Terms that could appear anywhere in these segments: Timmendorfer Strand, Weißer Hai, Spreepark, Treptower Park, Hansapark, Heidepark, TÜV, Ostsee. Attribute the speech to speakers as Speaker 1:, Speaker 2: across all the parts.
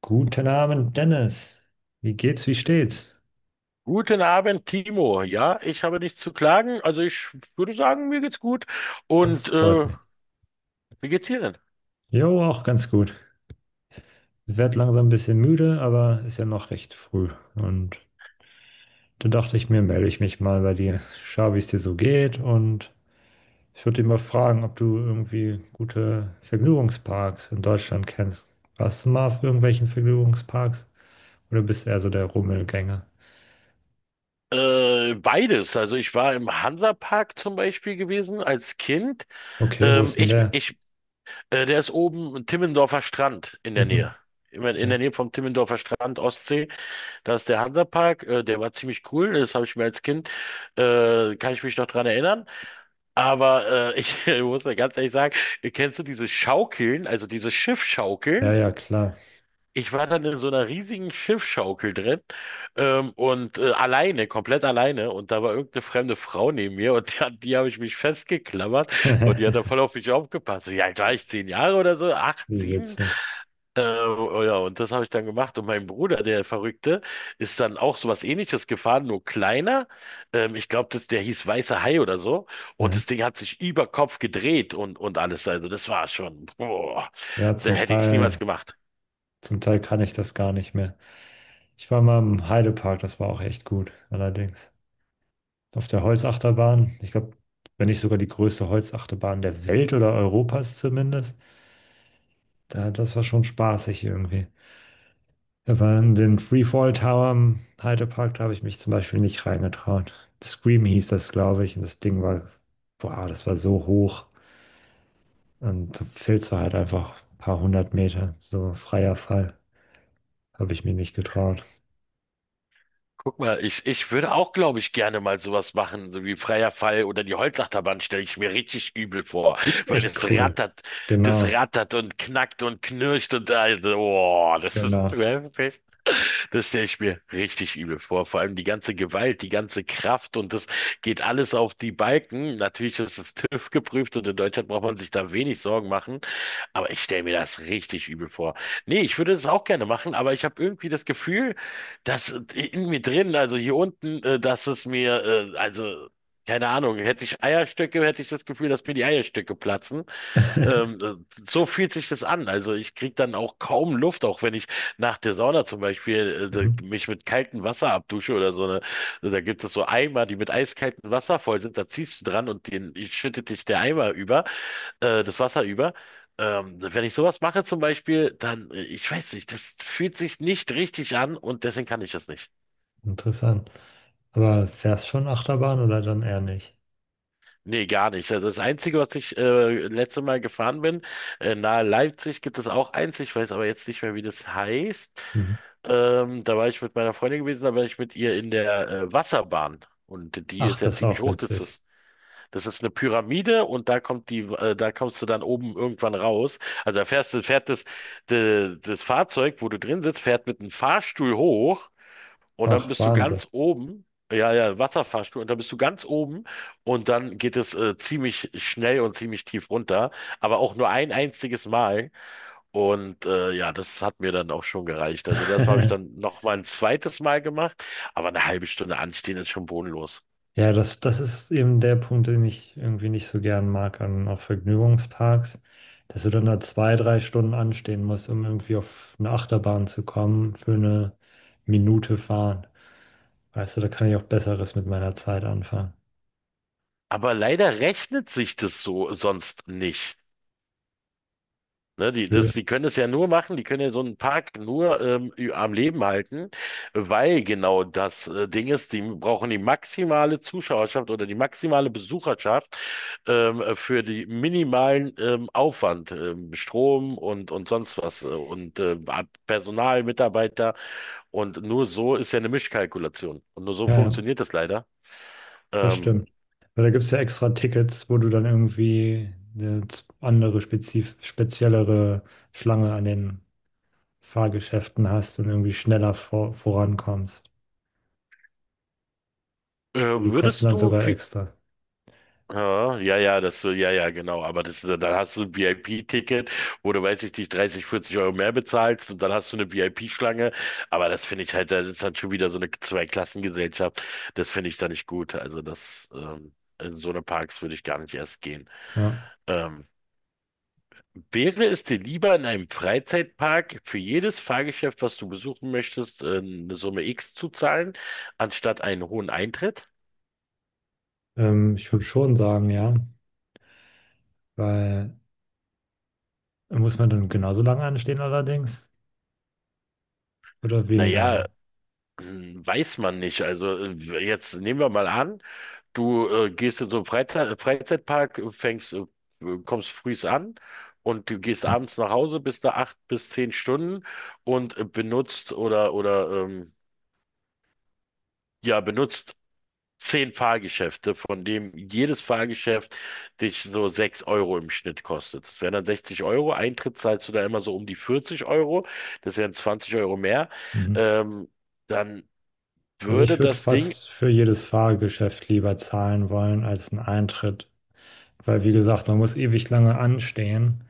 Speaker 1: Guten Abend, Dennis. Wie geht's, wie steht's?
Speaker 2: Guten Abend, Timo. Ja, ich habe nichts zu klagen. Also ich würde sagen, mir geht's gut.
Speaker 1: Das
Speaker 2: Und
Speaker 1: freut
Speaker 2: äh,
Speaker 1: mich.
Speaker 2: Wie geht's dir denn?
Speaker 1: Jo, auch ganz gut. Ich werde langsam ein bisschen müde, aber ist ja noch recht früh. Und da dachte ich mir, melde ich mich mal bei dir, schau, wie es dir so geht. Und ich würde dich mal fragen, ob du irgendwie gute Vergnügungsparks in Deutschland kennst. Warst du mal auf irgendwelchen Vergnügungsparks? Oder bist du eher so der Rummelgänger?
Speaker 2: Beides. Also ich war im Hansapark zum Beispiel gewesen als Kind.
Speaker 1: Okay, wo
Speaker 2: Ähm,
Speaker 1: ist denn
Speaker 2: ich,
Speaker 1: der?
Speaker 2: ich, Der ist oben im Timmendorfer Strand in der
Speaker 1: Mhm.
Speaker 2: Nähe. Immer in
Speaker 1: Okay.
Speaker 2: der Nähe vom Timmendorfer Strand, Ostsee. Da ist der Hansapark. Der war ziemlich cool. Das habe ich mir als Kind, kann ich mich noch dran erinnern. Aber ich muss ja ganz ehrlich sagen, kennst du diese Schaukeln, also diese
Speaker 1: Ja,
Speaker 2: Schiffschaukeln?
Speaker 1: ja, klar.
Speaker 2: Ich war dann in so einer riesigen Schiffsschaukel drin, alleine, komplett alleine. Und da war irgendeine fremde Frau neben mir und die, an die habe ich mich festgeklammert und die hat dann voll auf mich aufgepasst. So, ja, gleich 10 Jahre oder so, acht,
Speaker 1: Wie
Speaker 2: sieben.
Speaker 1: witzig.
Speaker 2: Äh, oh ja, und das habe ich dann gemacht. Und mein Bruder, der Verrückte, ist dann auch so was Ähnliches gefahren, nur kleiner. Ich glaube, der hieß Weißer Hai oder so. Und
Speaker 1: Ja,
Speaker 2: das Ding hat sich über Kopf gedreht und alles. Also das war schon, boah,
Speaker 1: ja,
Speaker 2: da
Speaker 1: zum
Speaker 2: hätte ich
Speaker 1: Teil
Speaker 2: niemals gemacht.
Speaker 1: Zum Teil kann ich das gar nicht mehr. Ich war mal im Heidepark, das war auch echt gut, allerdings. Auf der Holzachterbahn, ich glaube, wenn nicht sogar die größte Holzachterbahn der Welt oder Europas zumindest, da, das war schon spaßig irgendwie. Aber in den Freefall Tower im Heidepark, da habe ich mich zum Beispiel nicht reingetraut. Scream hieß das, glaube ich, und das Ding war, boah, das war so hoch. Und da fällst du halt einfach ein paar hundert Meter, so freier Fall, habe ich mir nicht getraut.
Speaker 2: Guck mal, ich würde auch, glaube ich, gerne mal sowas machen, so wie Freier Fall oder die Holzachterbahn stelle ich mir richtig übel vor,
Speaker 1: Die ist
Speaker 2: weil es
Speaker 1: echt cool.
Speaker 2: rattert, das
Speaker 1: Genau.
Speaker 2: rattert und knackt und knirscht und also, oh, das ist
Speaker 1: Genau.
Speaker 2: zu heftig. Das stelle ich mir richtig übel vor. Vor allem die ganze Gewalt, die ganze Kraft und das geht alles auf die Balken. Natürlich ist es TÜV geprüft und in Deutschland braucht man sich da wenig Sorgen machen. Aber ich stelle mir das richtig übel vor. Nee, ich würde es auch gerne machen, aber ich habe irgendwie das Gefühl, dass in mir drin, also hier unten, dass es mir, also keine Ahnung, hätte ich Eierstöcke, hätte ich das Gefühl, dass mir die Eierstöcke platzen. Ähm, äh, so fühlt sich das an. Also ich kriege dann auch kaum Luft, auch wenn ich nach der Sauna zum Beispiel äh,
Speaker 1: Mhm.
Speaker 2: da- mich mit kaltem Wasser abdusche oder so eine, da gibt es so Eimer, die mit eiskaltem Wasser voll sind, da ziehst du dran und den schüttet dich der Eimer über, das Wasser über. Wenn ich sowas mache zum Beispiel, dann ich weiß nicht, das fühlt sich nicht richtig an und deswegen kann ich das nicht.
Speaker 1: Interessant. Aber fährst schon Achterbahn oder dann eher nicht?
Speaker 2: Nee, gar nicht. Also das Einzige, was ich letzte Mal gefahren bin, nahe Leipzig gibt es auch eins, ich weiß aber jetzt nicht mehr, wie das heißt.
Speaker 1: Mhm.
Speaker 2: Da war ich mit meiner Freundin gewesen, da war ich mit ihr in der Wasserbahn. Und die
Speaker 1: Ach,
Speaker 2: ist ja
Speaker 1: das ist
Speaker 2: ziemlich
Speaker 1: auch
Speaker 2: hoch.
Speaker 1: witzig.
Speaker 2: Das ist eine Pyramide und da kommt die, da kommst du dann oben irgendwann raus. Also da fährst du, das Fahrzeug, wo du drin sitzt, fährt mit einem Fahrstuhl hoch und dann
Speaker 1: Ach,
Speaker 2: bist du
Speaker 1: Wahnsinn.
Speaker 2: ganz oben. Ja, ja, Wasserfahrstuhl. Und dann bist du ganz oben. Und dann geht es ziemlich schnell und ziemlich tief runter. Aber auch nur ein einziges Mal. Ja, das hat mir dann auch schon gereicht. Also das habe ich dann noch mal ein zweites Mal gemacht. Aber eine halbe Stunde anstehen ist schon bodenlos.
Speaker 1: Ja, das, das ist eben der Punkt, den ich irgendwie nicht so gern mag an auch Vergnügungsparks, dass du dann da zwei, drei Stunden anstehen musst, um irgendwie auf eine Achterbahn zu kommen für eine Minute fahren. Weißt du, da kann ich auch Besseres mit meiner Zeit anfangen.
Speaker 2: Aber leider rechnet sich das so sonst nicht. Ne, die,
Speaker 1: Höhe.
Speaker 2: das, die können es ja nur machen, die können ja so einen Park nur am Leben halten, weil genau das Ding ist, die brauchen die maximale Zuschauerschaft oder die maximale Besucherschaft für die minimalen Aufwand, Strom und sonst was und Personal, Mitarbeiter und nur so ist ja eine Mischkalkulation und nur so
Speaker 1: Ja, ja.
Speaker 2: funktioniert das leider.
Speaker 1: Das
Speaker 2: Ähm,
Speaker 1: stimmt. Weil da gibt es ja extra Tickets, wo du dann irgendwie eine andere, spezif speziellere Schlange an den Fahrgeschäften hast und irgendwie schneller vorankommst. Die kosten
Speaker 2: Würdest
Speaker 1: dann
Speaker 2: du
Speaker 1: sogar
Speaker 2: für
Speaker 1: extra.
Speaker 2: ja, ja, ja, ja, ja, genau. Aber das, dann hast du ein VIP-Ticket, wo du, weiß ich nicht, 30, 40 Euro mehr bezahlst und dann hast du eine VIP-Schlange. Aber das finde ich halt, das ist dann schon wieder so eine Zweiklassengesellschaft. Das finde ich da nicht gut. In so eine Parks würde ich gar nicht erst gehen.
Speaker 1: Ja.
Speaker 2: Ähm, Wäre es dir lieber in einem Freizeitpark für jedes Fahrgeschäft, was du besuchen möchtest, eine Summe X zu zahlen, anstatt einen hohen Eintritt?
Speaker 1: Ich würde schon sagen, ja. Weil muss man dann genauso lange anstehen allerdings oder weniger
Speaker 2: Naja,
Speaker 1: lang?
Speaker 2: hm, weiß man nicht. Jetzt nehmen wir mal an, du gehst in so einen Freizeitpark, kommst frühs an und du gehst
Speaker 1: Hm.
Speaker 2: abends nach Hause, bist da acht bis 10 Stunden und benutzt oder benutzt 10 Fahrgeschäfte, von dem jedes Fahrgeschäft dich so 6 Euro im Schnitt kostet. Das wären dann 60 Euro. Eintritt zahlst du da immer so um die 40 Euro. Das wären 20 Euro mehr.
Speaker 1: Mhm.
Speaker 2: Ähm, Dann
Speaker 1: Also
Speaker 2: würde
Speaker 1: ich würde
Speaker 2: das Ding
Speaker 1: fast für jedes Fahrgeschäft lieber zahlen wollen als einen Eintritt. Weil wie gesagt, man muss ewig lange anstehen.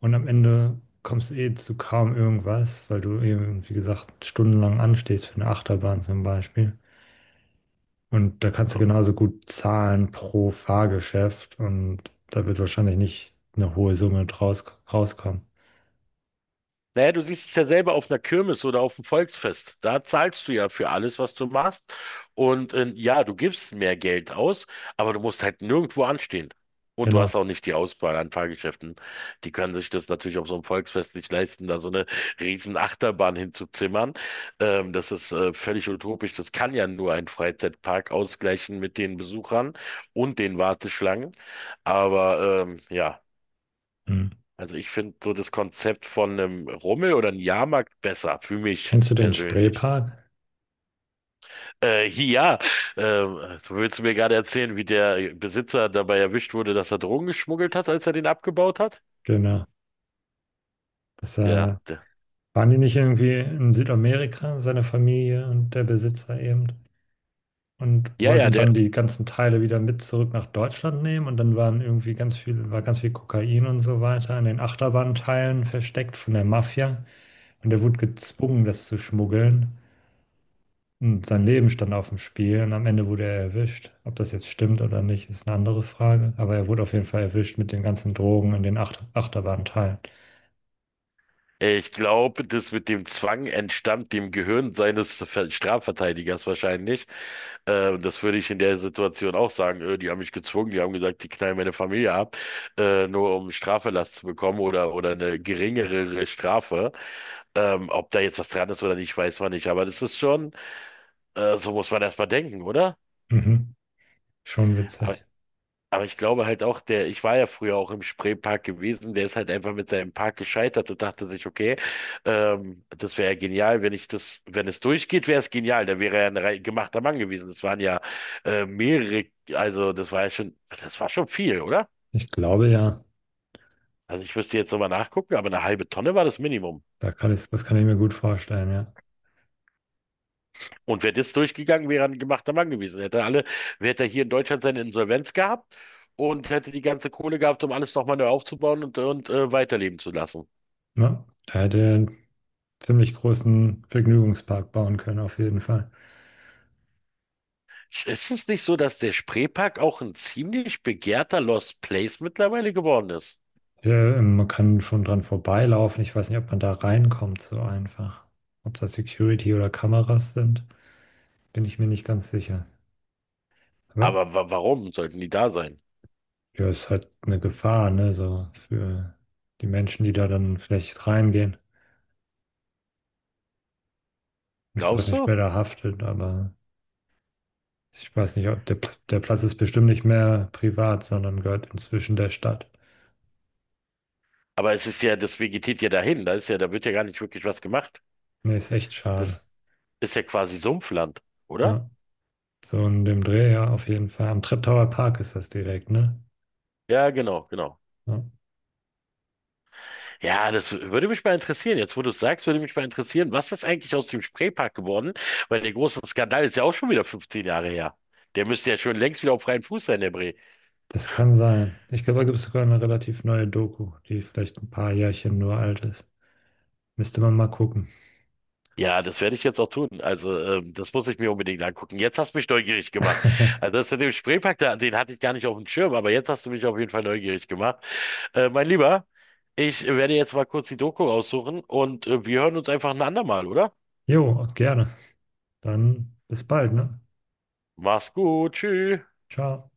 Speaker 1: Und am Ende kommst du eh zu kaum irgendwas, weil du eben, wie gesagt, stundenlang anstehst für eine Achterbahn zum Beispiel. Und da kannst du
Speaker 2: ja,
Speaker 1: genauso gut zahlen pro Fahrgeschäft und da wird wahrscheinlich nicht eine hohe Summe draus rauskommen.
Speaker 2: naja, du siehst es ja selber auf einer Kirmes oder auf dem Volksfest. Da zahlst du ja für alles, was du machst. Ja, du gibst mehr Geld aus, aber du musst halt nirgendwo anstehen. Und du hast
Speaker 1: Genau.
Speaker 2: auch nicht die Auswahl an Fahrgeschäften. Die können sich das natürlich auf so einem Volksfest nicht leisten, da so eine riesen Achterbahn hinzuzimmern. Das ist völlig utopisch. Das kann ja nur ein Freizeitpark ausgleichen mit den Besuchern und den Warteschlangen. Ja.
Speaker 1: Hm.
Speaker 2: Also ich finde so das Konzept von einem Rummel oder einem Jahrmarkt besser, für mich
Speaker 1: Kennst du den
Speaker 2: persönlich.
Speaker 1: Spreepark?
Speaker 2: Ja, du willst mir gerade erzählen, wie der Besitzer dabei erwischt wurde, dass er Drogen geschmuggelt hat, als er den abgebaut hat?
Speaker 1: Genau. Das,
Speaker 2: Ja, der,
Speaker 1: waren die nicht irgendwie in Südamerika, seine Familie und der Besitzer eben? Und
Speaker 2: ja, ja,
Speaker 1: wollten dann
Speaker 2: der,
Speaker 1: die ganzen Teile wieder mit zurück nach Deutschland nehmen und dann waren irgendwie war ganz viel Kokain und so weiter in den Achterbahnteilen versteckt von der Mafia und er wurde gezwungen, das zu schmuggeln und sein Leben stand auf dem Spiel und am Ende wurde er erwischt. Ob das jetzt stimmt oder nicht, ist eine andere Frage, aber er wurde auf jeden Fall erwischt mit den ganzen Drogen in den Achterbahnteilen.
Speaker 2: Ich glaube, das mit dem Zwang entstammt dem Gehirn seines Ver- Strafverteidigers wahrscheinlich. Das würde ich in der Situation auch sagen. Die haben mich gezwungen, die haben gesagt, die knallen meine Familie ab, nur um Straferlass zu bekommen oder eine geringere Strafe. Ob da jetzt was dran ist oder nicht, weiß man nicht. Aber das ist schon, so muss man erstmal denken, oder?
Speaker 1: Mhm. Schon witzig.
Speaker 2: Aber ich glaube halt auch, der, ich war ja früher auch im Spreepark gewesen, der ist halt einfach mit seinem Park gescheitert und dachte sich, okay, das wäre ja genial, wenn ich das, wenn es durchgeht, wäre es genial. Da wäre er ein rei- gemachter Mann gewesen. Das waren ja mehrere, also das war ja schon, das war schon viel, oder?
Speaker 1: Ich glaube ja,
Speaker 2: Also ich müsste jetzt nochmal nachgucken, aber eine halbe Tonne war das Minimum.
Speaker 1: da kann das kann ich mir gut vorstellen, ja.
Speaker 2: Und wäre das durchgegangen, wäre er ein gemachter Mann gewesen. Hätte alle, hätte er hier in Deutschland seine Insolvenz gehabt und hätte die ganze Kohle gehabt, um alles nochmal neu aufzubauen und weiterleben zu lassen.
Speaker 1: Ne? Da hätte ziemlich großen Vergnügungspark bauen können, auf jeden Fall.
Speaker 2: Ist es nicht so, dass der Spreepark auch ein ziemlich begehrter Lost Place mittlerweile geworden ist?
Speaker 1: Ja, man kann schon dran vorbeilaufen. Ich weiß nicht, ob man da reinkommt so einfach. Ob das Security oder Kameras sind, bin ich mir nicht ganz sicher. Aber
Speaker 2: Aber wa warum sollten die da sein?
Speaker 1: ja, ist halt eine Gefahr, ne, so für die Menschen, die da dann vielleicht reingehen. Ich weiß
Speaker 2: Glaubst
Speaker 1: nicht,
Speaker 2: du?
Speaker 1: wer da haftet, aber ich weiß nicht, ob der Platz ist bestimmt nicht mehr privat, sondern gehört inzwischen der Stadt.
Speaker 2: Aber es ist ja, das vegetiert ja dahin. Da ist ja, da wird ja gar nicht wirklich was gemacht.
Speaker 1: Nee, ist echt schade.
Speaker 2: Das ist ja quasi Sumpfland, oder?
Speaker 1: Ja. So in dem Dreh, ja, auf jeden Fall. Am Treptower Park ist das direkt, ne?
Speaker 2: Ja, genau, genau.
Speaker 1: Ja. Das,
Speaker 2: Ja, das würde mich mal interessieren. Jetzt, wo du es sagst, würde mich mal interessieren, was ist eigentlich aus dem Spreepark geworden? Weil der große Skandal ist ja auch schon wieder 15 Jahre her. Der müsste ja schon längst wieder auf freiem Fuß sein, der Bre.
Speaker 1: kann sein. Ich glaube, da gibt es sogar eine relativ neue Doku, die vielleicht ein paar Jährchen nur alt ist. Müsste man mal gucken.
Speaker 2: Ja, das werde ich jetzt auch tun. Das muss ich mir unbedingt angucken. Jetzt hast du mich neugierig gemacht. Also, das mit dem Spreepark, da, den hatte ich gar nicht auf dem Schirm, aber jetzt hast du mich auf jeden Fall neugierig gemacht. Mein Lieber, ich werde jetzt mal kurz die Doku raussuchen und wir hören uns einfach ein andermal, oder?
Speaker 1: Jo, gerne. Dann bis bald, ne?
Speaker 2: Mach's gut, tschüss.
Speaker 1: Ciao.